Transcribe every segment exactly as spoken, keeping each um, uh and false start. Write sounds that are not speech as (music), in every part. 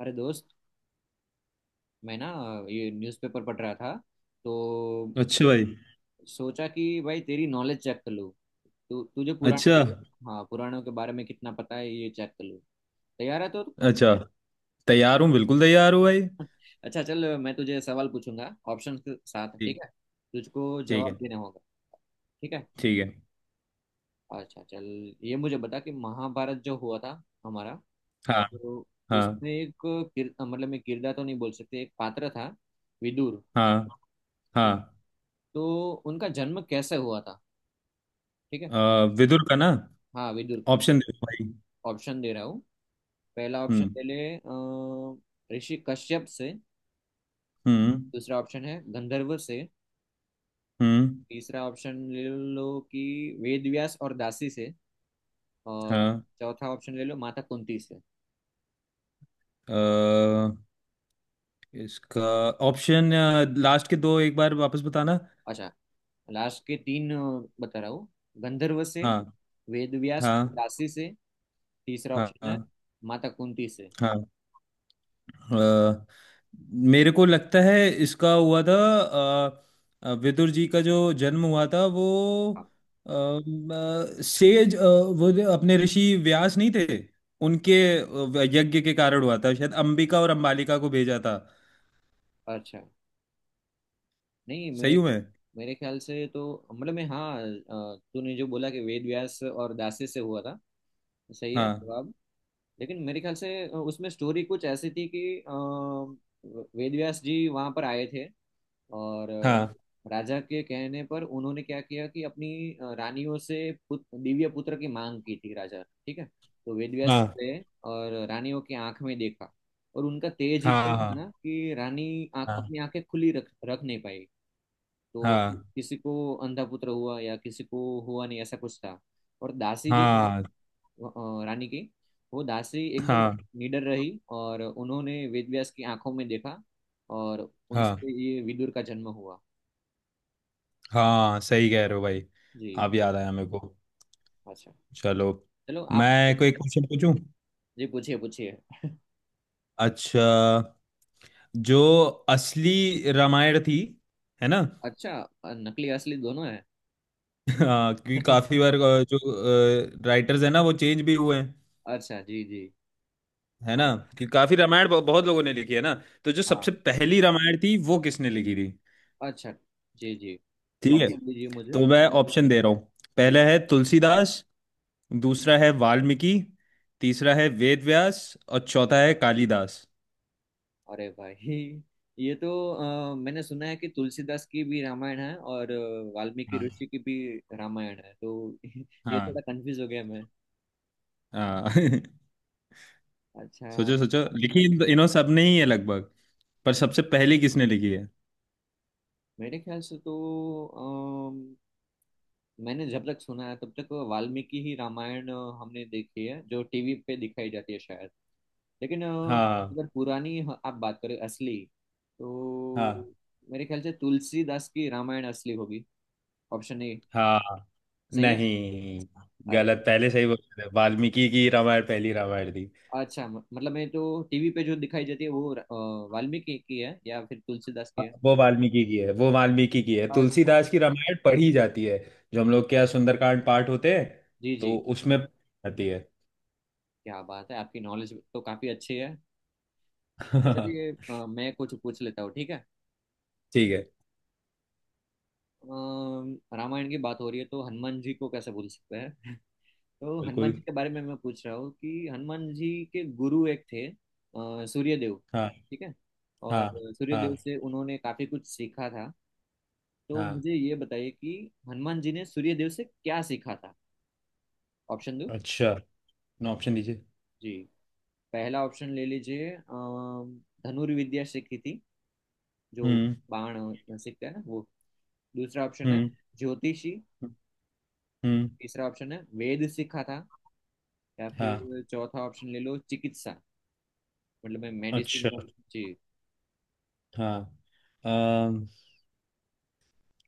अरे दोस्त। मैं ना ये न्यूज़पेपर पढ़ रहा था तो अच्छा भाई। सोचा कि भाई तेरी नॉलेज चेक कर लूँ। तू तुझे अच्छा। पुराणों के हाँ पुराणों के बारे में कितना पता है ये चेक कर लूँ। तैयार है तो? अच्छा। तैयार हूँ, बिल्कुल तैयार हूँ भाई। अच्छा चल, मैं तुझे सवाल पूछूंगा ऑप्शन के साथ। ठीक ठीक। है? तुझको ठीक जवाब है। देना होगा। ठीक है। ठीक है। अच्छा चल, ये मुझे बता कि महाभारत जो हुआ था हमारा, हाँ। तो हाँ। उसमें एक किर, मतलब मैं किरदार तो नहीं बोल सकते, एक पात्र था विदुर। हाँ। ठीक, हाँ। तो उनका जन्म कैसे हुआ था? ठीक है। अ, विदुर का ना। हाँ विदुर। ऑप्शन दे दो भाई। ऑप्शन दे रहा हूँ। पहला ऑप्शन हम्म। ले ले अ, ऋषि कश्यप से। हम्म। दूसरा ऑप्शन है गंधर्व से। हम्म। तीसरा ऑप्शन ले लो कि वेद व्यास और दासी से। और हाँ। चौथा ऑप्शन ले लो माता कुंती से। अ, इसका ऑप्शन लास्ट के दो एक बार वापस बताना। अच्छा, लास्ट के तीन अ, बता रहा हूँ। गंधर्व से, हाँ। वेद व्यास और हाँ। दासी से, तीसरा ऑप्शन है हाँ। माता कुंती से। हाँ। अ, मेरे को लगता है इसका हुआ था। अ, अ, विदुर जी का जो जन्म हुआ था वो हाँ। अ, अ, सेज अ, वो जो अपने ऋषि व्यास नहीं थे, उनके अ, यज्ञ के कारण हुआ था शायद। अंबिका और अंबालिका को भेजा था। अच्छा, नहीं। सही मेरे हूँ मैं? ख्या- मेरे ख्याल से तो, मतलब मैं, हाँ अ, तूने जो बोला कि वेद व्यास और दासी से हुआ था, सही है हाँ। जवाब। लेकिन मेरे ख्याल से अ, उसमें स्टोरी कुछ ऐसी थी कि अ, वेद व्यास जी वहाँ पर आए थे। और अ, हाँ। राजा के कहने पर उन्होंने क्या किया कि अपनी अ, रानियों से पुत, दिव्य पुत्र की मांग की थी राजा। ठीक है। तो वेद व्यास हाँ। गए और रानियों की आंख में देखा। और उनका तेज इतना हाँ। था हाँ। ना कि रानी आँख, हाँ। अपनी आंखें खुली रख रख नहीं पाई। तो हाँ। किसी को अंधा पुत्र हुआ या किसी को हुआ नहीं, ऐसा कुछ था। और दासी जो थी, हाँ। अ, रानी की, वो दासी एकदम हाँ। निडर रही और उन्होंने वेदव्यास की आंखों में देखा, और हाँ। उनसे ये विदुर का जन्म हुआ। हाँ। सही कह रहे हो भाई। जी। अब याद आया मेरे को। अच्छा, चलो। चलो आप। मैं कोई क्वेश्चन पूछूं? जी, पूछिए पूछिए। (laughs) अच्छा। जो असली रामायण थी, है ना? अच्छा, नकली असली दोनों है। (laughs) हाँ, क्योंकि काफी (laughs) बार अ, जो राइटर्स है ना, वो चेंज भी हुए हैं। अच्छा जी जी। है ना? हाँ कि काफी रामायण ब- बहुत लोगों ने लिखी है ना। तो जो सबसे हाँ। पहली रामायण थी, वो किसने लिखी थी? अच्छा जी जी। ठीक है। ऑप्शन दीजिए मुझे। तो मैं ऑप्शन दे रहा हूँ। जी। पहला है तुलसीदास। दूसरा है वाल्मीकि। तीसरा है वेद व्यास। और चौथा है कालिदास। अरे भाई, ये तो अ, मैंने सुना है कि तुलसीदास की भी रामायण है और अ, वाल्मीकि हाँ। ऋषि की भी रामायण है, तो (laughs) ये हाँ। थोड़ा कंफ्यूज हो गया मैं। हाँ। (laughs) अच्छा, सोचो सोचो, लिखी इन इन सब ने ही है लगभग। पर सबसे पहले किसने लिखी है? मेरे ख्याल से तो अम, मैंने जब तक सुना है तब तक वाल्मीकि ही रामायण अ, हमने देखी है जो टीवी पे दिखाई जाती है शायद। लेकिन अ, हाँ। अगर पुरानी ह- आप बात करें असली, तो हाँ। मेरे ख्याल से तुलसीदास की रामायण असली होगी। Option A. हाँ। सही है। नहीं, अरे, गलत। पहले सही बोल रहे थे। वाल्मीकि की रामायण पहली रामायण थी। अच्छा। म- मतलब मैं तो टीवी पे जो दिखाई जाती है वो अ, वाल्मीकि की है या फिर तुलसीदास की हाँ, है? वो वाल्मीकि की है। वो वाल्मीकि की है। अच्छा तुलसीदास की रामायण पढ़ी जाती है, जो हम लोग क्या सुंदरकांड पाठ होते हैं जी तो जी। उसमें आती है। क्या बात है, आपकी नॉलेज तो काफी अच्छी है। अच्छा, चलिए (laughs) अ, मैं कुछ पूछ लेता हूँ, ठीक है? ठीक है। अम, रामायण की बात हो रही है तो हनुमान जी को कैसे भूल सकते हैं। (laughs) तो हनुमान बिल्कुल। जी के बारे में मैं पूछ रहा हूँ कि हनुमान जी के गुरु एक थे अ, सूर्यदेव। हाँ। ठीक है। और हाँ। हाँ। सूर्यदेव से उन्होंने काफी कुछ सीखा था। तो हाँ। मुझे ये बताइए कि हनुमान जी ने सूर्यदेव से क्या सीखा था। ऑप्शन दो। अच्छा। ऑप्शन दीजिए। जी, पहला ऑप्शन ले लीजिए अम, धनुर्विद्या विद्या सीखी थी, जो हम्म। बाण सीखते हैं ना वो। दूसरा ऑप्शन है हम्म। ज्योतिषी। हम्म। तीसरा ऑप्शन है वेद सीखा था। या हाँ। फिर चौथा ऑप्शन ले लो चिकित्सा, मतलब मैं मेडिसिन। अच्छा। जी हाँ। अम,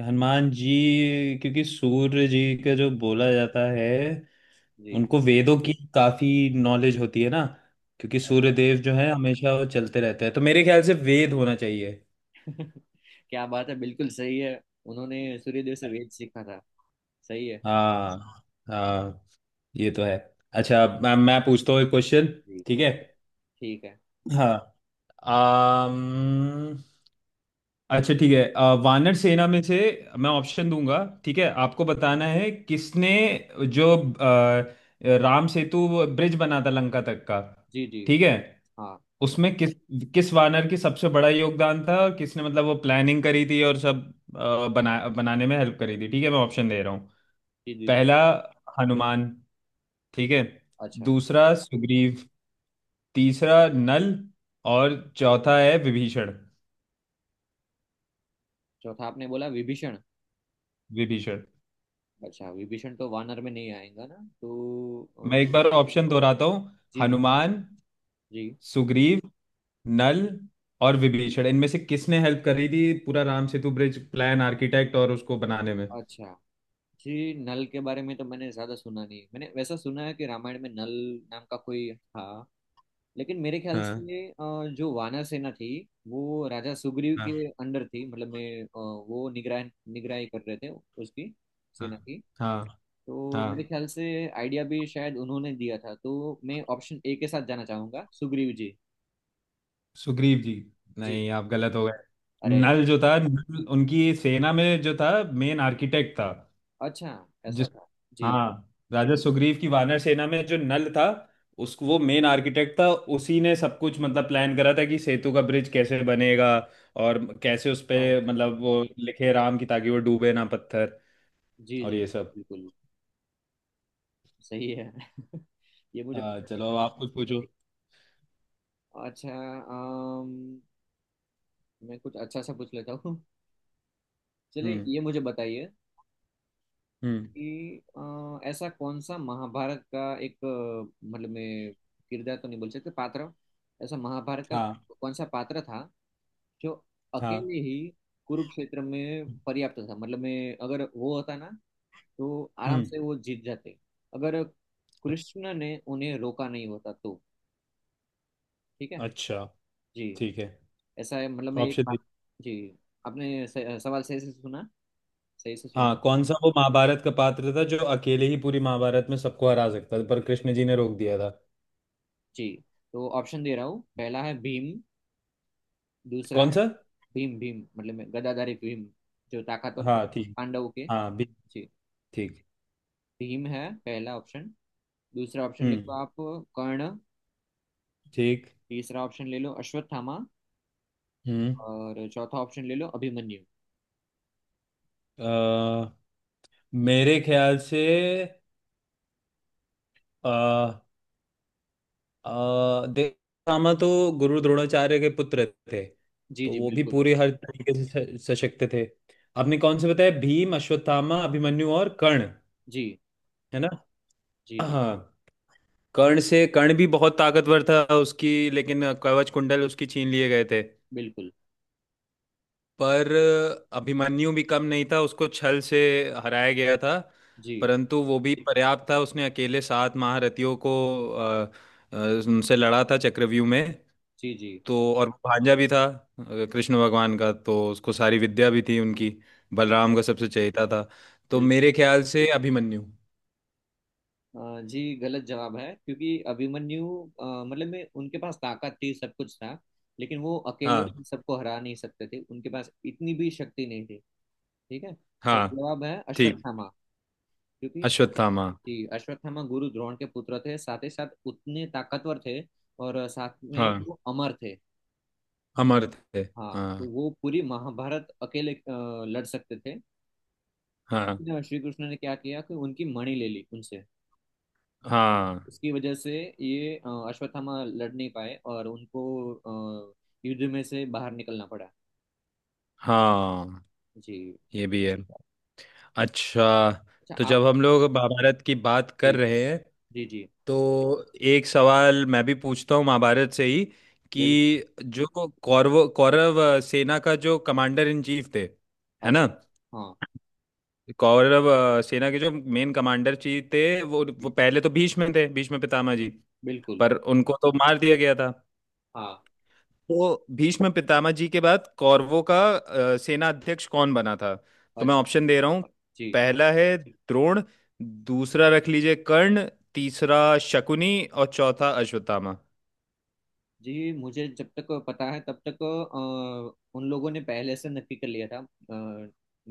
हनुमान जी, क्योंकि सूर्य जी का जो बोला जाता है जी। उनको वेदों की काफी नॉलेज होती है ना। क्योंकि सूर्यदेव जो है हमेशा वो चलते रहते हैं, तो मेरे ख्याल से वेद होना चाहिए। (laughs) क्या बात है, बिल्कुल सही है। उन्होंने सूर्यदेव से वेद सीखा था। सही है। हाँ। हाँ। ये तो है। अच्छा, मैं मैं पूछता हूँ एक क्वेश्चन। जी ठीक है। कुछ तो, ठीक है। हाँ। आम, अच्छा ठीक है। अ, वानर सेना में से मैं ऑप्शन दूंगा, ठीक है? आपको जी बताना है किसने जो अ, राम सेतु ब्रिज बना था लंका तक का। जी जी, ठीक है? हाँ उसमें किस किस वानर की सबसे बड़ा योगदान था और किसने, मतलब वो प्लानिंग करी थी और सब अ, बना बनाने में हेल्प करी थी। ठीक है, मैं ऑप्शन दे रहा हूँ। जी जी जी। पहला हनुमान, ठीक है? अच्छा, दूसरा सुग्रीव। तीसरा नल। और चौथा है विभीषण। चौथा आपने बोला विभीषण। विभीषण। अच्छा, विभीषण तो वानर में नहीं आएगा ना, तो मैं एक अ, बार ऑप्शन दोहराता हूँ। जी जी हनुमान। जी। सुग्रीव। नल। और विभीषण। इनमें से किसने हेल्प करी थी पूरा Ram Setu bridge plan, architect और उसको बनाने में? अच्छा जी, नल के बारे में तो मैंने ज्यादा सुना नहीं है। मैंने वैसा सुना है कि रामायण में नल नाम का कोई था। लेकिन मेरे ख्याल हाँ। से अ, जो वानर सेना थी, वो राजा सुग्रीव के हाँ। अंडर थी, मतलब मैं अ, वो निगरान निगरानी कर रहे थे उसकी, हाँ। सेना की। हाँ। तो मेरे हाँ। ख्याल से आइडिया भी शायद उन्होंने दिया था, तो मैं ऑप्शन ए के साथ जाना चाहूंगा। सुग्रीव जी। सुग्रीव जी? जी। नहीं, आप गलत हो गए। अरे, नल जो था, नल उनकी सेना में जो था, मेन आर्किटेक्ट था। अच्छा, ऐसा जिस था। जी। हाँ, राजा सुग्रीव की वानर सेना में जो नल था, उसको वो मेन आर्किटेक्ट था। उसी ने सब कुछ मतलब प्लान करा था कि सेतु का ब्रिज कैसे बनेगा और कैसे उस पे, अच्छा मतलब वो लिखे राम की ताकि वो डूबे ना पत्थर, जी और जी, ये सब। बिल्कुल सही है। (laughs) ये मुझे आ, पता नहीं चलो था। आप कुछ पूछो। अच्छा। अम, मैं कुछ अच्छा सा पूछ लेता हूँ। चलिए हम्म। ये मुझे बताइए हम्म। कि अ, ऐसा कौन सा महाभारत का एक अ, मतलब मैं किरदार तो नहीं बोल सकते, पात्र, ऐसा महाभारत का हाँ। कौन सा पात्र था जो हाँ। अकेले ही कुरुक्षेत्र में पर्याप्त था, मतलब मैं अगर वो होता ना तो आराम हम्म। से वो जीत जाते, अगर कृष्ण ने उन्हें रोका नहीं होता तो। ठीक है। अच्छा। जी। ठीक है। ऐसा है, मतलब मैं एक। ऑप्शन? जी आपने स, सवाल सही से सुना, सही से सुना? हाँ, कौन सा वो महाभारत का पात्र था जो अकेले ही पूरी महाभारत में सबको हरा सकता था, पर कृष्ण जी ने रोक दिया था? जी। तो ऑप्शन दे रहा हूँ। पहला है भीम। दूसरा कौन है सा? भीम। भीम, मतलब मैं- गदाधारी भीम, जो ताकतवर थे हाँ। ठीक। पांडवों के। हाँ भी। जी, ठीक। भीम है पहला ऑप्शन। दूसरा ऑप्शन ले हम्म। लो आप, कर्ण। ठीक। तीसरा ऑप्शन ले लो अश्वत्थामा। हम्म। और चौथा ऑप्शन ले लो अभिमन्यु। अ, मेरे ख्याल से अ अ, देवदामा तो गुरु द्रोणाचार्य के पुत्र थे। जी तो जी वो भी बिल्कुल। पूरे हर तरीके से स- सशक्त थे। आपने कौन से बताया, भीम अश्वत्थामा अभिमन्यु और कर्ण, जी है ना? जी जी हाँ। कर्ण से कर्ण भी बहुत ताकतवर था उसकी, लेकिन कवच कुंडल उसकी छीन लिए गए थे। बिल्कुल। पर अभिमन्यु भी कम नहीं था, उसको छल से हराया गया था। जी परंतु वो भी पर्याप्त था, उसने अकेले सात महारथियों को अ, अ, उनसे लड़ा था चक्रव्यूह में। जी जी तो और वो भांजा भी था अ, कृष्ण भगवान का, तो उसको सारी विद्या भी थी उनकी। जी। बलराम का सबसे चहेता था। तो बिल्कुल। मेरे ख्याल से अभिमन्यु। अ, जी गलत जवाब है, क्योंकि अभिमन्यु अ, मतलब में उनके पास ताकत थी, सब कुछ था। लेकिन वो अकेले हाँ। सबको हरा नहीं सकते थे, उनके पास इतनी भी शक्ति नहीं थी। ठीक है। सही हाँ। जवाब है ठीक। अश्वत्थामा। क्योंकि अश्वत्थामा। जी, अश्वत्थामा गुरु द्रोण के पुत्र थे, साथ ही साथ उतने ताकतवर थे। और साथ में ही हाँ, वो अमर थे। अमर थे। हाँ, तो हाँ। वो पूरी महाभारत अकेले अ, लड़ सकते थे। हाँ। लेकिन श्री कृष्ण ने क्या किया कि उनकी मणि ले ली उनसे। हाँ। उसकी वजह से ये अ, अश्वत्थामा लड़ नहीं पाए और उनको अ, युद्ध में से बाहर निकलना पड़ा। हाँ। जी। ये भी है। अच्छा। अच्छा तो आप। जब हम लोग महाभारत की बात कर जी रहे हैं जी जी तो एक सवाल मैं भी पूछता हूँ महाभारत से ही। बिल्कुल। कि जो कौरव कौरव अ, सेना का जो कमांडर इन चीफ थे, है अच्छा, ना? हाँ कौरव अ, सेना के जो मेन कमांडर जी थे, वो वो जी, पहले तो भीष्म थे, भीष्म पितामह जी। बिल्कुल। पर उनको तो मार दिया गया था। हाँ, तो भीष्म पितामह जी के बाद कौरवों का अ, सेना अध्यक्ष कौन बना था? तो मैं अच्छा। ऑप्शन दे रहा हूँ। जी पहला है द्रोण। दूसरा रख लीजिए कर्ण। तीसरा शकुनी और चौथा अश्वत्थामा। जी, मुझे जब तक पता है तब तक अ, उन लोगों ने पहले से नक्की कर लिया था, अ,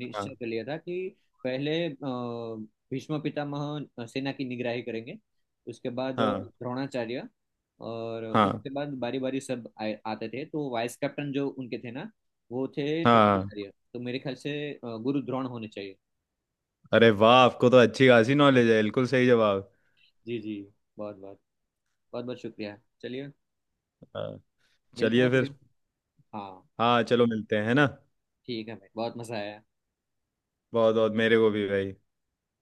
हाँ। कर लिया था कि पहले अ, भीष्म पितामह सेना की निगराही करेंगे, उसके बाद हाँ। द्रोणाचार्य, और हाँ। उसके बाद बारी बारी सब आए, आते थे, तो वाइस कैप्टन जो उनके थे ना वो थे हाँ। द्रोणाचार्य। तो मेरे ख्याल से अ, गुरु द्रोण होने चाहिए। अरे वाह, आपको तो अच्छी खासी नॉलेज है, बिल्कुल सही जवाब। जी जी। बहुत बहुत, बहुत बहुत शुक्रिया। चलिए हाँ, मिलते चलिए हैं फिर। फिर। हाँ। हाँ, चलो मिलते हैं, है ना? ठीक है भाई, बहुत मजा आया। बहुत बहुत मेरे को भी भाई।